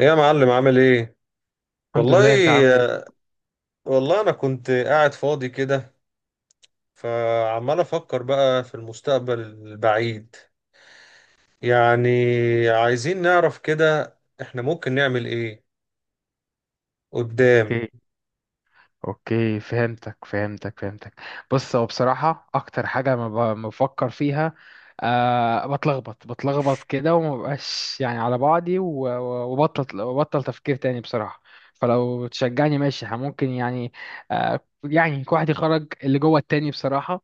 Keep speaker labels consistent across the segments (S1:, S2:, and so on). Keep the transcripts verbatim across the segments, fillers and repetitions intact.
S1: ايه يا معلم عامل ايه؟
S2: الحمد
S1: والله
S2: لله، انت عامل ايه؟
S1: والله انا كنت قاعد فاضي كده، فعمال افكر بقى في المستقبل البعيد، يعني عايزين نعرف كده احنا ممكن نعمل ايه قدام.
S2: اوكي. اوكي فهمتك فهمتك فهمتك بص، هو بصراحة اكتر حاجة ما ب- ما بفكر فيها، أه بتلخبط، بتلخبط كده وما بقاش يعني على بعضي و- و- وبطل، وبطل تفكير تاني بصراحة. فلو تشجعني ماشي، ها، ممكن يعني. أه يعني كل واحد يخرج اللي جوه التاني بصراحة.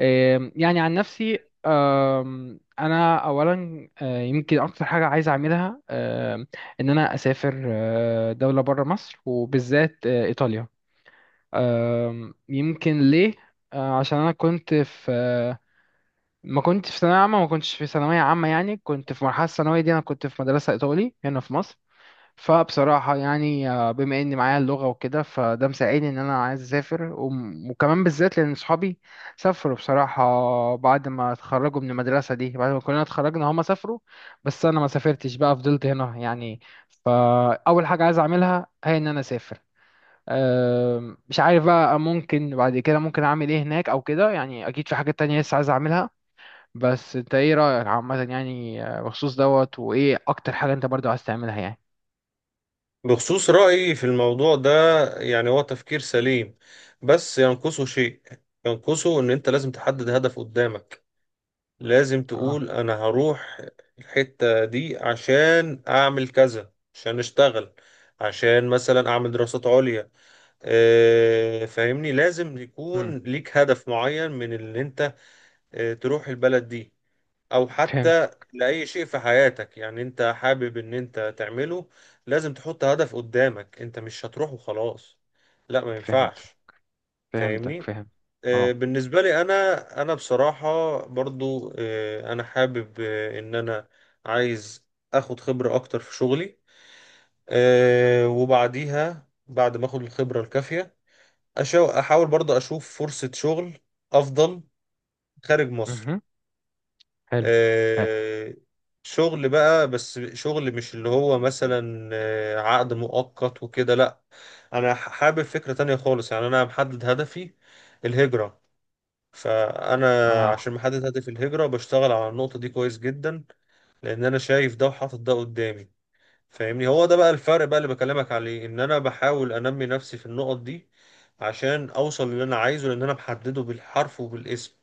S2: آم، يعني عن نفسي، آم، انا اولا، آه، يمكن اكتر حاجه عايز اعملها، آم، ان انا اسافر، آه، دوله بره مصر، وبالذات آه، ايطاليا. آم، يمكن ليه؟ آه، عشان انا كنت في آه، ما كنت في ثانويه عامه ما كنتش في ثانويه عامه، يعني كنت في مرحله الثانويه دي، انا كنت في مدرسه ايطالي هنا في مصر. فبصراحة يعني، آه، بما إن معايا اللغة وكده، فده مساعدني إن أنا عايز أسافر، وم- وكمان بالذات لأن صحابي سافروا بصراحة. بعد ما اتخرجوا من المدرسة دي، بعد ما كلنا اتخرجنا هما سافروا، بس أنا ما سافرتش بقى، فضلت هنا يعني. فأول حاجة عايز أعملها هي إن أنا أسافر. آم، مش عارف بقى ممكن بعد كده ممكن أعمل إيه هناك أو كده، يعني أكيد في حاجات تانية لسه عايز أعملها. بس أنت إيه رأيك عامة، يعني آه، بخصوص دوت، وإيه أكتر حاجة أنت برضو عايز تعملها يعني؟
S1: بخصوص رأيي في الموضوع ده، يعني هو تفكير سليم بس ينقصه شيء. ينقصه ان انت لازم تحدد هدف قدامك. لازم
S2: اه.
S1: تقول انا هروح الحتة دي عشان اعمل كذا، عشان اشتغل، عشان مثلا اعمل دراسات عليا. آه، فاهمني، لازم يكون ليك هدف معين من اللي انت آه، تروح البلد دي، او حتى
S2: فهمتك
S1: لأي شيء في حياتك يعني انت حابب ان انت تعمله. لازم تحط هدف قدامك، انت مش هتروح وخلاص، لا ما
S2: فهمتك
S1: ينفعش.
S2: فهمتك
S1: فاهمني.
S2: فهم
S1: آه،
S2: اه.
S1: بالنسبة لي أنا، أنا بصراحة برضو آه، أنا حابب آه، إن أنا عايز أخد خبرة أكتر في شغلي. آه، وبعديها بعد ما أخد الخبرة الكافية أشا- أحاول برضو أشوف فرصة شغل أفضل خارج مصر.
S2: مهم. حلو. حلو.
S1: آه، شغل بقى، بس شغل مش اللي هو مثلا آه، عقد مؤقت وكده، لأ. أنا ح- حابب فكرة تانية خالص. يعني أنا محدد هدفي، الهجرة. فانا
S2: اه.
S1: عشان محدد هدف الهجره بشتغل على النقطه دي كويس جدا، لان انا شايف ده وحاطط ده قدامي. فاهمني، هو ده بقى الفرق بقى اللي بكلمك عليه، ان انا بحاول انمي نفسي في النقط دي عشان اوصل للي انا عايزه، لان انا محدده بالحرف وبالاسم.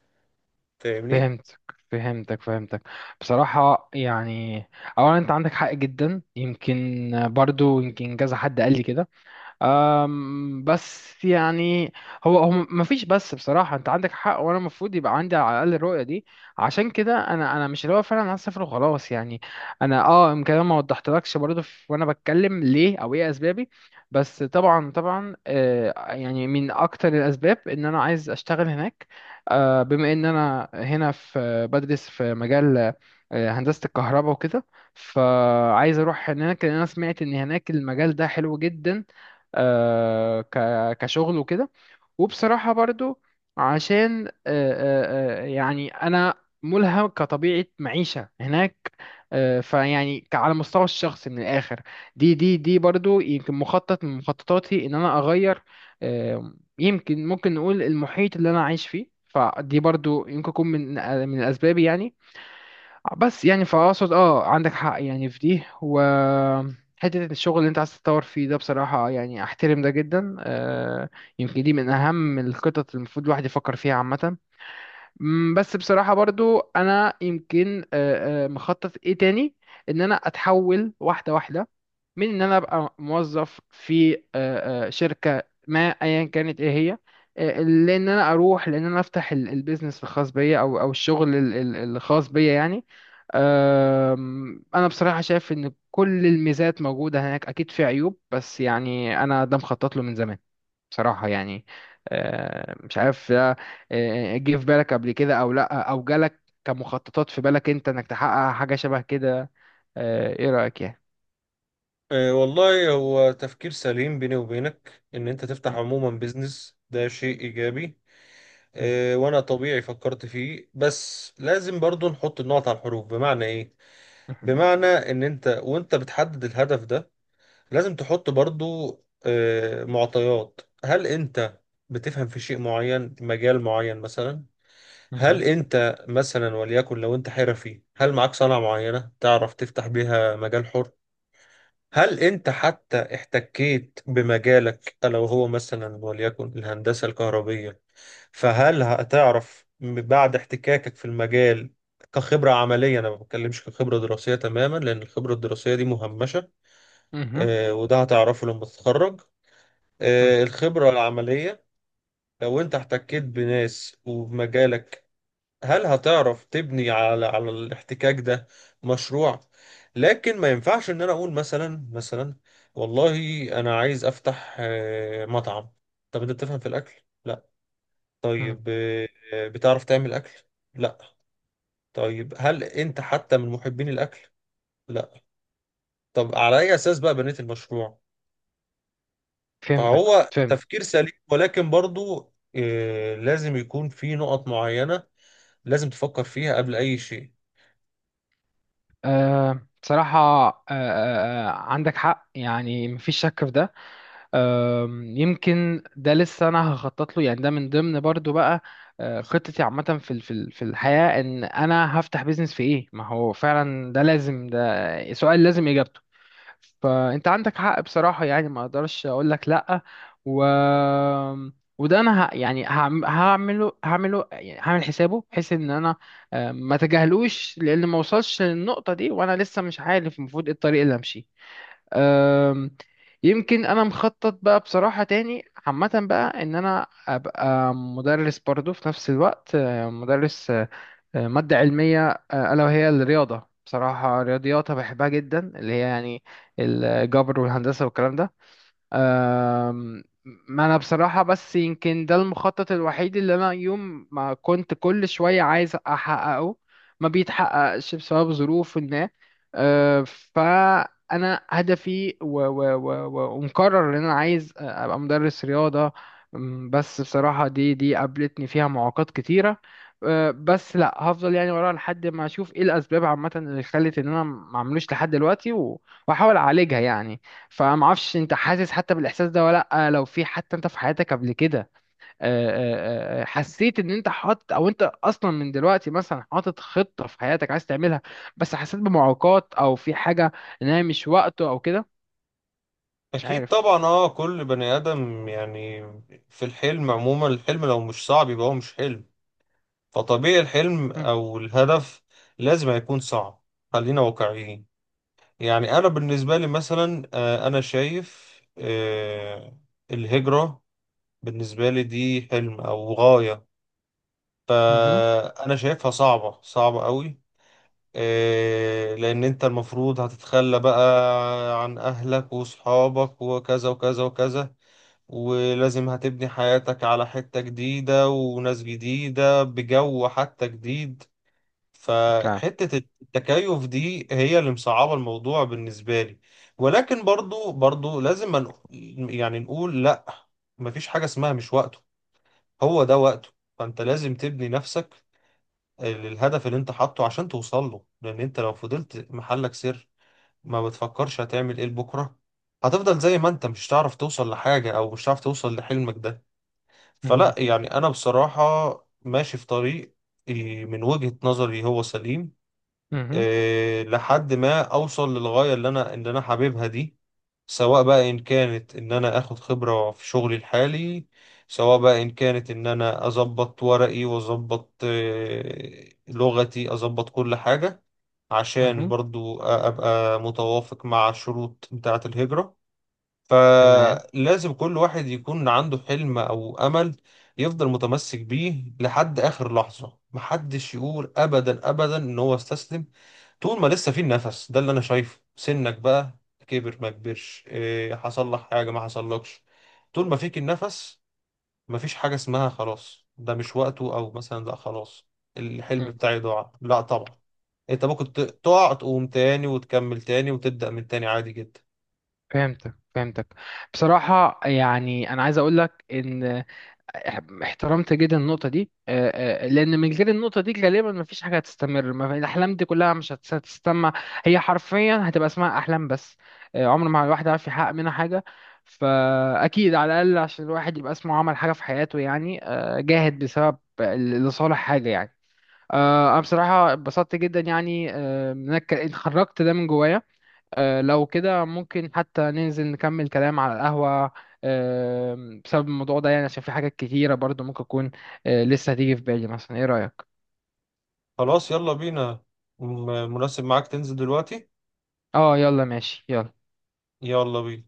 S1: فاهمني.
S2: فهمتك فهمتك فهمتك بصراحة يعني، أولا أنت عندك حق جدا. يمكن برضو يمكن كذا حد قال لي كده. أم بس يعني، هو هو مفيش، بس بصراحة انت عندك حق، وانا المفروض يبقى عندي على الاقل الرؤية دي. عشان كده انا انا مش اللي هو فعلا هسافر وخلاص يعني. انا اه يمكن انا ما وضحتلكش برضه في- وانا بتكلم ليه او ايه اسبابي. بس طبعا طبعا آه يعني من اكتر الاسباب ان انا عايز اشتغل هناك. آه بما ان انا هنا في بدرس في مجال، آه، هندسة الكهرباء وكده. فعايز اروح هناك لان انا سمعت ان هناك المجال ده حلو جدا، آه، ك- كشغل وكده. وبصراحة برضو عشان آه، آه، آه، يعني أنا ملهم كطبيعة معيشة هناك. آه، فيعني ك- على مستوى الشخص من الآخر، دي دي دي برضو يمكن مخطط من مخططاتي إن أنا أغير آه، يمكن ممكن نقول المحيط اللي أنا عايش فيه، فدي برضو يمكن يكون من آه، من الأسباب يعني. بس يعني فاقصد اه عندك حق يعني في دي، و حتة الشغل اللي انت عايز تتطور فيه ده بصراحة يعني احترم ده جدا آه. يمكن دي من اهم الخطط اللي المفروض الواحد يفكر فيها عامة. مم، بس بصراحة برضو انا يمكن آه آه مخطط ايه تاني، ان انا اتحول واحدة واحدة من ان انا ابقى موظف في آه، آه، شركه ما ايا كانت ايه هي، آه، لان انا اروح لان انا افتح ال- البيزنس الخاص بيا، او او الشغل ال- ال- الخاص بيا يعني. آم، انا بصراحه شايف ان كل الميزات موجوده هناك، اكيد في عيوب، بس يعني انا ده مخطط له من زمان بصراحه يعني. آه، مش عارف ده آه، جه في بالك قبل كده او لا، او جالك كمخططات في بالك انت انك تحقق حاجه شبه كده. آه، ايه رايك يعني؟
S1: أه والله هو تفكير سليم بيني وبينك، ان انت تفتح عموما بيزنس ده شيء ايجابي. أه وانا طبيعي فكرت فيه، بس لازم برضو نحط النقط على الحروف. بمعنى ايه؟ بمعنى ان انت وانت بتحدد الهدف ده لازم تحط برضو آه، معطيات. هل انت بتفهم في شيء معين، مجال معين مثلا؟
S2: مهم.
S1: هل انت مثلا وليكن لو انت حرفي، هل معاك صنعة معينة تعرف تفتح بيها مجال حر؟ هل انت حتى احتكيت بمجالك لو هو مثلا وليكن الهندسة الكهربية؟ فهل هتعرف بعد احتكاكك في المجال كخبرة عملية؟ أنا ما بتكلمش كخبرة دراسية تماما، لأن الخبرة الدراسية دي مهمشة.
S2: مهم.
S1: آه، وده هتعرفه لما تتخرج،
S2: مهم.
S1: آه، الخبرة العملية. لو انت احتكيت بناس وبمجالك، هل هتعرف تبني على على الاحتكاك ده مشروع؟ لكن ما ينفعش ان انا اقول مثلا مثلا والله انا عايز افتح آه، مطعم. طب انت بتفهم في الاكل؟ لا.
S2: مهم.
S1: طيب، آه، آه، بتعرف تعمل اكل؟ لا. طيب هل انت حتى من محبين الاكل؟ لا. طب على اي اساس بقى بنيت المشروع؟
S2: فهمتك
S1: فهو
S2: فهمت
S1: تفكير سليم ولكن برضو آه، لازم يكون في نقط معينة لازم تفكر فيها قبل أي شيء.
S2: أه بصراحة، أه آه، آه، عندك حق يعني مفيش شك في ده. أه يمكن ده لسه أنا هخطط له يعني، ده من ضمن برضو بقى آه، خطتي عامة في ال- في ال- في الحياة، إن أنا هفتح بيزنس في إيه. ما هو فعلا ده لازم، ده سؤال لازم إجابته. فانت عندك حق بصراحة يعني، ما اقدرش اقول لك لا. و وده انا ه... يعني هعم- هعمله هعمله يعني هعمل حسابه بحيث ان انا آه، ما اتجاهلوش، لان ما وصلش للنقطة دي وانا لسه مش عارف المفروض ايه الطريق اللي امشيه. آم، يمكن انا مخطط بقى بصراحة تاني عامة بقى ان انا ابقى مدرس برضه في نفس الوقت، آه، مدرس آه، مادة علمية، آه، ألا وهي الرياضة، بصراحة رياضياتها بحبها جدا، اللي هي يعني الجبر والهندسة والكلام ده. أم، ما انا بصراحة بس يمكن ده المخطط الوحيد اللي انا يوم ما كنت كل شوية عايز احققه ما بيتحققش بسبب ظروف ما. أه، فانا هدفي و و و و ومقرر ان انا عايز ابقى مدرس رياضة. أم، بس بصراحة دي دي قابلتني فيها معوقات كتيرة. أه، بس لا هفضل يعني ورا لحد ما اشوف ايه الاسباب عامة اللي خلت ان انا ما عملوش لحد دلوقتي و- واحاول اعالجها يعني. فما اعرفش انت حاسس حتى بالاحساس ده ولا لا، لو في حتى انت في حياتك قبل كده آه، آه، آه، آه، حسيت ان انت حاطط، او انت اصلا من دلوقتي مثلا حاطط خطة في حياتك عايز تعملها بس حسيت بمعوقات او في حاجة ان هي مش وقته او كده، مش
S1: أكيد
S2: عارف.
S1: طبعا، اه كل بني آدم يعني في الحلم عموما. الحلم لو مش صعب يبقى هو مش حلم. فطبيعي الحلم
S2: مم.
S1: أو الهدف لازم هيكون صعب. خلينا واقعيين. يعني أنا بالنسبة لي مثلا، آه، أنا شايف آه، الهجرة بالنسبة لي دي حلم أو غاية.
S2: مهم.
S1: فأنا شايفها صعبة صعبة قوي. آه، لأن أنت المفروض هتتخلى بقى عن أهلك وصحابك وكذا وكذا وكذا، ولازم هتبني حياتك على حتة جديدة وناس جديدة بجو حتى جديد.
S2: فعلا.
S1: فحتة التكيف دي هي اللي مصعبة الموضوع بالنسبة لي. ولكن برضو برضو لازم، من يعني نقول لأ، مفيش حاجة اسمها مش وقته، هو ده وقته. فأنت لازم تبني نفسك للهدف اللي انت حاطه عشان توصل له. لان انت لو فضلت محلك سر ما بتفكرش هتعمل ايه بكره، هتفضل زي ما انت، مش هتعرف توصل لحاجة او مش هتعرف توصل لحلمك ده.
S2: مهم.
S1: فلا، يعني انا بصراحة ماشي في طريق، إيه، من وجهة نظري هو سليم،
S2: مهم.
S1: آه، لحد ما اوصل للغايه اللي انا اللي انا حاببها دي. سواء بقى ان كانت ان انا اخد خبره في شغلي الحالي، سواء بقى ان كانت ان انا اظبط ورقي واظبط آه، لغتي، اظبط كل حاجه عشان
S2: مهم.
S1: برضو أ- ابقى متوافق مع الشروط بتاعه الهجره.
S2: تمام.
S1: فلازم كل واحد يكون عنده حلم او امل يفضل متمسك بيه لحد اخر لحظه. محدش يقول ابدا ابدا ان هو استسلم طول ما لسه في النفس ده. اللي انا شايفه، سنك بقى كبر ما كبرش، إيه حصل لك حاجه ما حصلكش، طول ما فيك النفس مفيش حاجه اسمها خلاص ده مش وقته، او مثلا لا خلاص الحلم
S2: مم.
S1: بتاعي ضاع، لا طبعا. انت ممكن ت- تقع تقوم تاني وتكمل تاني وتبدأ من تاني عادي جدا.
S2: فهمتك فهمتك بصراحة يعني أنا عايز أقول لك إن احترمت جدا النقطة دي، آه، آه، لأن من غير النقطة دي غالبا مفيش حاجة هتستمر، ما في- الأحلام دي كلها مش هتس- هتستمع، هي حرفيا هتبقى اسمها أحلام بس. آه، عمر ما الواحد عارف يحقق منها حاجة. فأكيد على الأقل عشان الواحد يبقى اسمه عمل حاجة في حياته، يعني آه، جاهد بسبب ال- لصالح حاجة يعني. آه، أنا بصراحة اتبسطت جدا يعني آه، إن أنا اتك- اتخرجت ده من جوايا. آه، لو كده ممكن حتى ننزل نكمل كلام على القهوة آه، بسبب الموضوع ده، يعني عشان في حاجات كتيرة برضو ممكن تكون آه، لسه هتيجي في بالي مثلا، ايه رأيك؟
S1: خلاص يلا بينا. م- مناسب معاك تنزل دلوقتي؟
S2: اه يلا ماشي يلا.
S1: يلا بينا.